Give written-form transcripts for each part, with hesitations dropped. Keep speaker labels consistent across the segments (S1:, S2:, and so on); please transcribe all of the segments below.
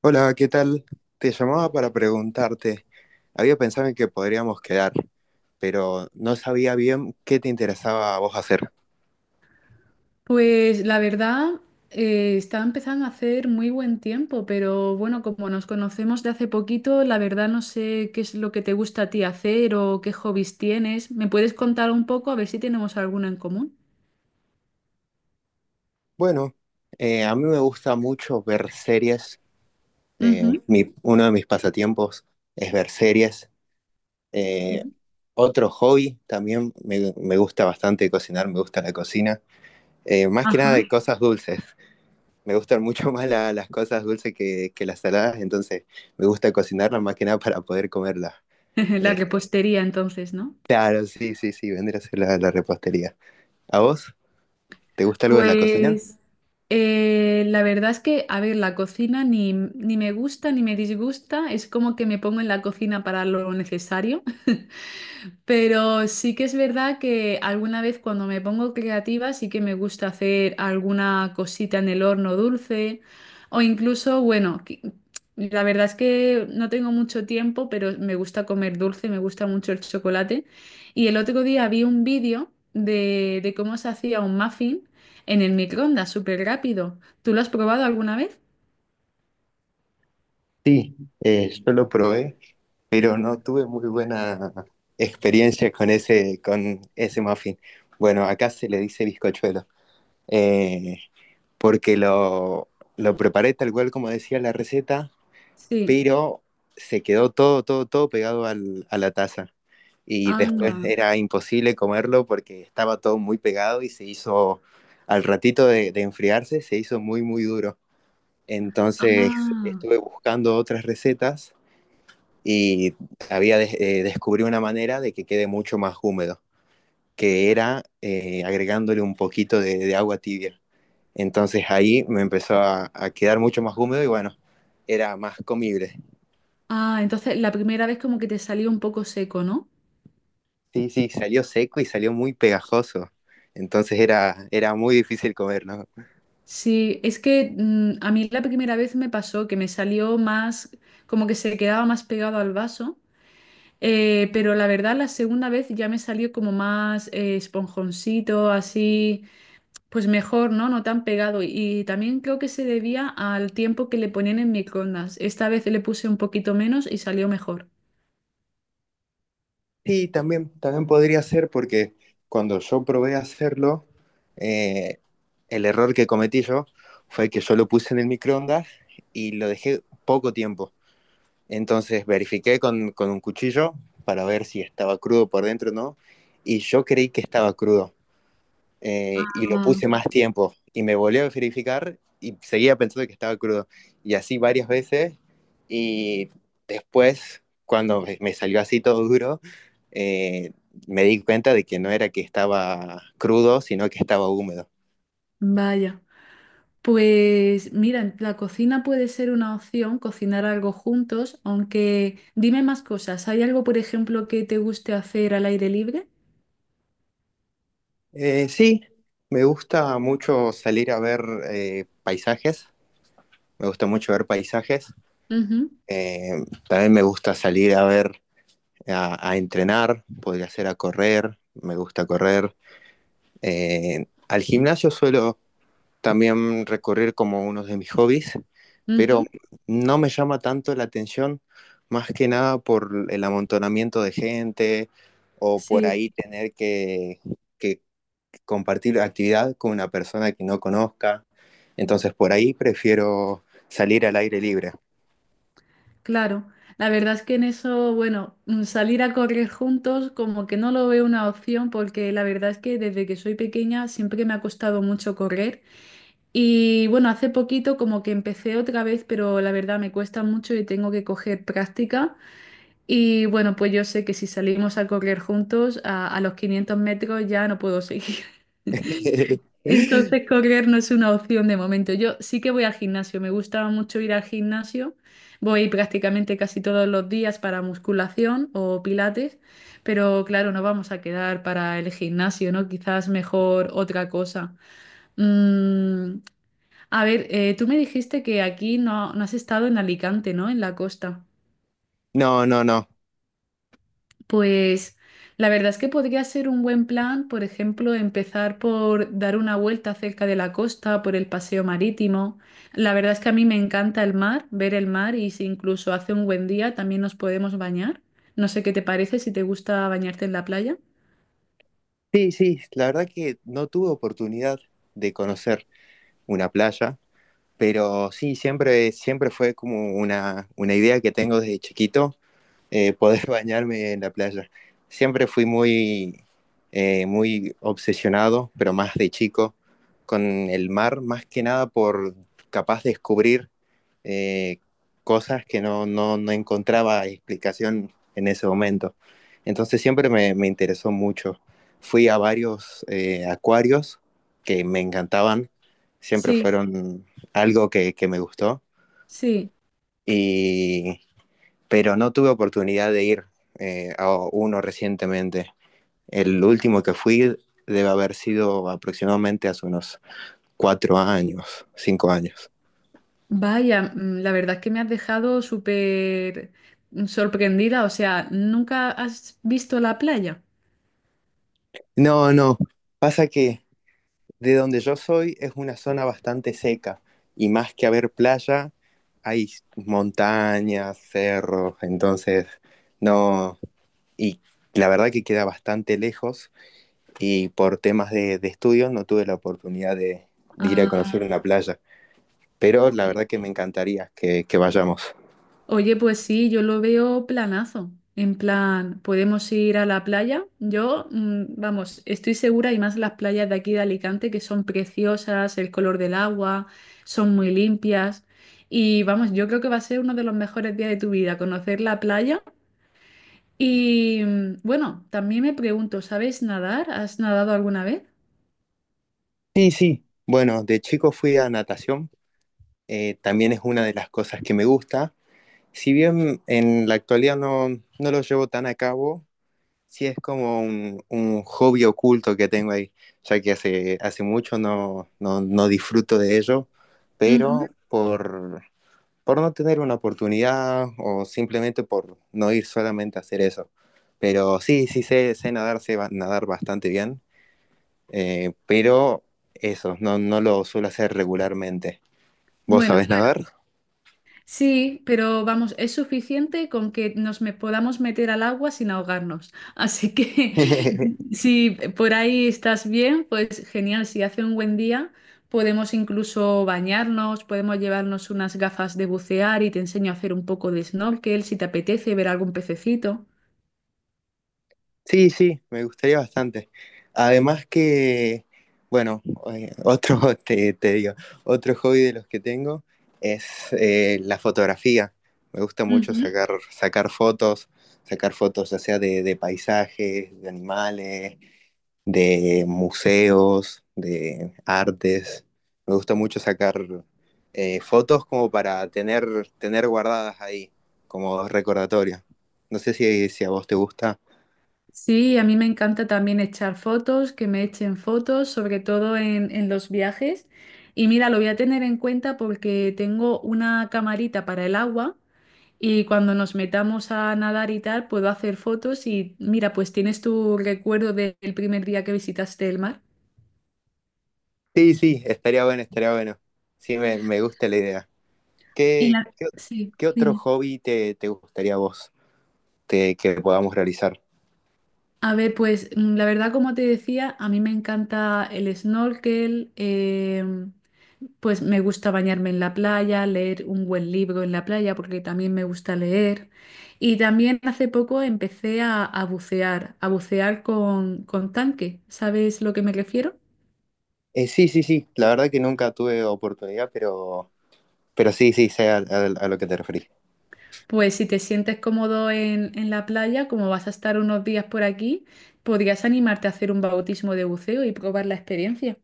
S1: Hola, ¿qué tal? Te llamaba para preguntarte. Había pensado en que podríamos quedar, pero no sabía bien qué te interesaba a vos hacer.
S2: Pues la verdad, está empezando a hacer muy buen tiempo, pero bueno, como nos conocemos de hace poquito, la verdad no sé qué es lo que te gusta a ti hacer o qué hobbies tienes. ¿Me puedes contar un poco a ver si tenemos alguno en común?
S1: Bueno, a mí me gusta mucho ver series.
S2: Ujú.
S1: Uno de mis pasatiempos es ver series. Eh,
S2: Sí.
S1: Otro hobby también me gusta bastante cocinar, me gusta la cocina. Más que nada
S2: Ajá.
S1: de cosas dulces. Me gustan mucho más las cosas dulces que las saladas, entonces me gusta cocinarlas más que nada para poder comerlas.
S2: La
S1: eh,
S2: repostería entonces, ¿no?
S1: Claro, sí, sí, sí, vendría a ser la repostería. ¿A vos? ¿Te gusta algo de la cocina?
S2: Pues la verdad es que, a ver, la cocina ni me gusta ni me disgusta, es como que me pongo en la cocina para lo necesario. Pero sí que es verdad que alguna vez cuando me pongo creativa sí que me gusta hacer alguna cosita en el horno dulce o incluso, bueno, la verdad es que no tengo mucho tiempo, pero me gusta comer dulce, me gusta mucho el chocolate. Y el otro día vi un vídeo de cómo se hacía un muffin en el microondas, súper rápido. ¿Tú lo has probado alguna vez?
S1: Sí, yo lo probé, pero no tuve muy buena experiencia con ese muffin. Bueno, acá se le dice bizcochuelo, eh, porque lo preparé tal cual como decía la receta,
S2: Sí.
S1: pero se quedó todo pegado a la taza. Y después
S2: Anda.
S1: era imposible comerlo porque estaba todo muy pegado y se hizo, al ratito de enfriarse, se hizo muy duro. Entonces
S2: Ah.
S1: estuve buscando otras recetas y descubrí una manera de que quede mucho más húmedo, que era agregándole un poquito de agua tibia. Entonces ahí me empezó a quedar mucho más húmedo y bueno, era más comible.
S2: Ah, entonces la primera vez como que te salió un poco seco, ¿no?
S1: Sí, sí, salió seco y salió muy pegajoso. Entonces era muy difícil comer, ¿no?
S2: Sí, es que a mí la primera vez me pasó que me salió más, como que se quedaba más pegado al vaso, pero la verdad la segunda vez ya me salió como más esponjoncito, así, pues mejor, ¿no? No tan pegado. Y también creo que se debía al tiempo que le ponían en microondas. Esta vez le puse un poquito menos y salió mejor.
S1: Sí, también podría ser porque cuando yo probé hacerlo, eh, el error que cometí yo fue que yo lo puse en el microondas y lo dejé poco tiempo. Entonces verifiqué con un cuchillo para ver si estaba crudo por dentro o no. Y yo creí que estaba crudo. Y lo
S2: Ah,
S1: puse más tiempo y me volvió a verificar y seguía pensando que estaba crudo. Y así varias veces y después, cuando me salió así todo duro, eh, me di cuenta de que no era que estaba crudo, sino que estaba húmedo.
S2: vaya. Pues mira, en la cocina puede ser una opción cocinar algo juntos, aunque dime más cosas. ¿Hay algo, por ejemplo, que te guste hacer al aire libre?
S1: Sí, me gusta mucho salir a ver paisajes, me gusta mucho ver paisajes.
S2: Ujú,
S1: Eh, También me gusta salir a ver, a entrenar, podría ser a correr, me gusta correr. Al gimnasio suelo también recorrer como uno de mis hobbies, pero
S2: ujú,
S1: no me llama tanto la atención, más que nada por el amontonamiento de gente o por
S2: sí,
S1: ahí tener que compartir actividad con una persona que no conozca. Entonces por ahí prefiero salir al aire libre.
S2: claro. La verdad es que en eso, bueno, salir a correr juntos como que no lo veo una opción porque la verdad es que desde que soy pequeña siempre me ha costado mucho correr. Y bueno, hace poquito como que empecé otra vez, pero la verdad me cuesta mucho y tengo que coger práctica. Y bueno, pues yo sé que si salimos a correr juntos, a los 500 metros ya no puedo seguir. Entonces, correr no es una opción de momento. Yo sí que voy al gimnasio, me gusta mucho ir al gimnasio. Voy prácticamente casi todos los días para musculación o pilates, pero claro, no vamos a quedar para el gimnasio, ¿no? Quizás mejor otra cosa. Mm, a ver, tú me dijiste que aquí no has estado en Alicante, ¿no? En la costa.
S1: No, no, no.
S2: Pues la verdad es que podría ser un buen plan, por ejemplo, empezar por dar una vuelta cerca de la costa, por el paseo marítimo. La verdad es que a mí me encanta el mar, ver el mar y si incluso hace un buen día también nos podemos bañar. No sé qué te parece, si te gusta bañarte en la playa.
S1: Sí, sí, la verdad que no tuve oportunidad de conocer una playa. Pero sí, siempre fue como una idea que tengo desde chiquito, poder bañarme en la playa. Siempre fui muy, muy obsesionado, pero más de chico, con el mar, más que nada por capaz de descubrir eh, cosas que no encontraba explicación en ese momento. Entonces siempre me interesó mucho. Fui a varios acuarios que me encantaban, siempre
S2: Sí,
S1: fueron algo que me gustó.
S2: sí.
S1: Y pero no tuve oportunidad de ir a uno recientemente. El último que fui debe haber sido aproximadamente hace unos cuatro años, cinco años.
S2: Vaya, mm, la verdad es que me has dejado súper sorprendida. O sea, ¿nunca has visto la playa?
S1: No, no, pasa que de donde yo soy es una zona bastante seca y más que haber playa, hay montañas, cerros, entonces no, y la verdad que queda bastante lejos y por temas de estudio no tuve la oportunidad de ir a conocer
S2: Ah,
S1: una playa. Pero la
S2: ok.
S1: verdad que me encantaría que vayamos.
S2: Oye, pues sí, yo lo veo planazo. En plan, podemos ir a la playa. Yo, mm, vamos, estoy segura y más las playas de aquí de Alicante que son preciosas, el color del agua, son muy limpias. Y vamos, yo creo que va a ser uno de los mejores días de tu vida, conocer la playa. Y mm, bueno, también me pregunto, ¿sabes nadar? ¿Has nadado alguna vez?
S1: Sí, sí. Bueno, de chico fui a natación, también es una de las cosas que me gusta. Si bien en la actualidad no, no lo llevo tan a cabo, sí es como un hobby oculto que tengo ahí, ya que hace mucho no disfruto de ello, pero
S2: Ujú.
S1: por no tener una oportunidad o simplemente por no ir solamente a hacer eso. Pero sí, sé nadar, nadar bastante bien. Pero eso, no, no lo suelo hacer regularmente. ¿Vos sabés
S2: Bueno,
S1: nadar?
S2: sí, pero vamos, es suficiente con que nos me podamos meter al agua sin ahogarnos. Así que si por ahí estás bien, pues genial. Si hace un buen día, podemos incluso bañarnos, podemos llevarnos unas gafas de bucear y te enseño a hacer un poco de snorkel si te apetece ver algún pececito.
S1: Sí, sí, me gustaría bastante. Además que, bueno, eh, otro, te digo, otro hobby de los que tengo es la fotografía. Me gusta mucho
S2: Ujú.
S1: sacar fotos ya sea de paisajes, de animales, de museos, de artes. Me gusta mucho sacar fotos como para tener, tener guardadas ahí, como recordatorio. No sé si, si a vos te gusta.
S2: Sí, a mí me encanta también echar fotos, que me echen fotos, sobre todo en los viajes. Y mira, lo voy a tener en cuenta porque tengo una camarita para el agua y cuando nos metamos a nadar y tal, puedo hacer fotos y mira, pues tienes tu recuerdo del primer día que visitaste el mar.
S1: Sí, sí, estaría bueno, estaría bueno. Sí, me gusta la idea.
S2: Y
S1: ¿Qué,
S2: la...
S1: qué,
S2: Sí,
S1: ¿Qué otro
S2: dime.
S1: hobby te gustaría a vos que podamos realizar?
S2: A ver, pues mm, la verdad, como te decía, a mí me encanta el snorkel, em, pues me gusta bañarme en la playa, leer un buen libro en la playa, porque también me gusta leer. Y también hace poco empecé a bucear con tanque. ¿Sabes lo que me refiero?
S1: Sí, sí, sí. La verdad que nunca tuve oportunidad, pero sí, sí, sé a lo que te referís.
S2: Pues si te sientes cómodo en la playa, como vas a estar unos días por aquí, podrías animarte a hacer un bautismo de buceo y probar la experiencia.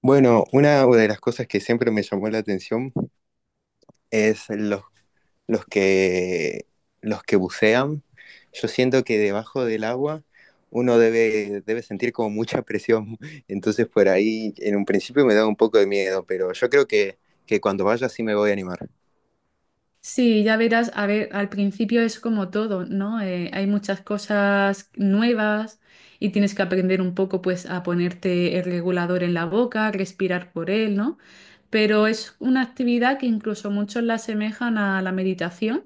S1: Bueno, una de las cosas que siempre me llamó la atención es los que, los que bucean. Yo siento que debajo del agua uno debe sentir como mucha presión. Entonces por ahí en un principio me da un poco de miedo, pero yo creo que cuando vaya sí me voy a animar.
S2: Sí, ya verás, a ver, al principio es como todo, ¿no? Hay muchas cosas nuevas y tienes que aprender un poco, pues, a ponerte el regulador en la boca, respirar por él, ¿no? Pero es una actividad que incluso muchos la asemejan a la meditación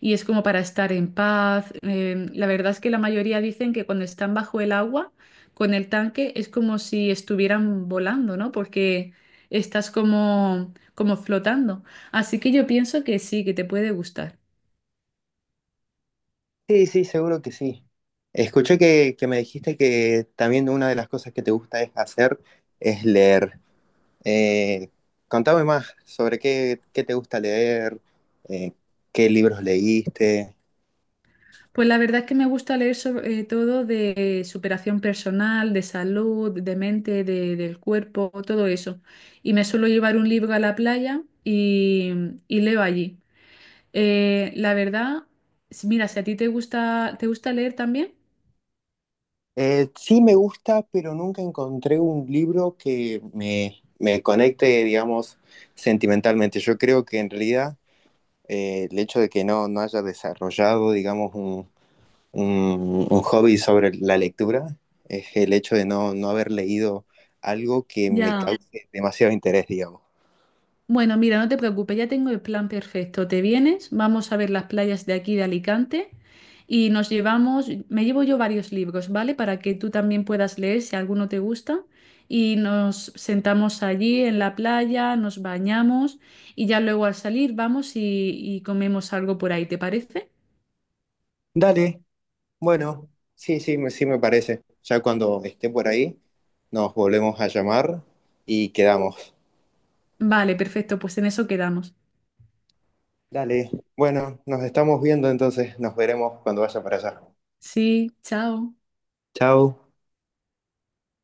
S2: y es como para estar en paz. La verdad es que la mayoría dicen que cuando están bajo el agua, con el tanque, es como si estuvieran volando, ¿no? Porque estás como, como flotando. Así que yo pienso que sí, que te puede gustar.
S1: Sí, sí, seguro que sí. Escuché que me dijiste que también una de las cosas que te gusta es hacer es leer. Eh, Contame más sobre qué te gusta leer, eh, qué libros leíste.
S2: Pues la verdad es que me gusta leer sobre todo de superación personal, de salud, de mente, del cuerpo, todo eso. Y me suelo llevar un libro a la playa y leo allí. La verdad, mira, si a ti ¿te gusta leer también?
S1: Sí me gusta, pero nunca encontré un libro que me conecte, digamos, sentimentalmente. Yo creo que en realidad el hecho de que no, no haya desarrollado, digamos, un hobby sobre la lectura es el hecho de no, no haber leído algo que me
S2: Ya.
S1: cause demasiado interés, digamos.
S2: Bueno, mira, no te preocupes, ya tengo el plan perfecto. Te vienes, vamos a ver las playas de aquí de Alicante y nos llevamos, me llevo yo varios libros, ¿vale? Para que tú también puedas leer si alguno te gusta. Y nos sentamos allí en la playa, nos bañamos y ya luego al salir vamos y comemos algo por ahí, ¿te parece?
S1: Dale, bueno, sí, sí, sí me parece. Ya cuando esté por ahí, nos volvemos a llamar y quedamos.
S2: Vale, perfecto, pues en eso quedamos.
S1: Dale, bueno, nos estamos viendo entonces, nos veremos cuando vaya para allá.
S2: Sí, chao.
S1: Chao.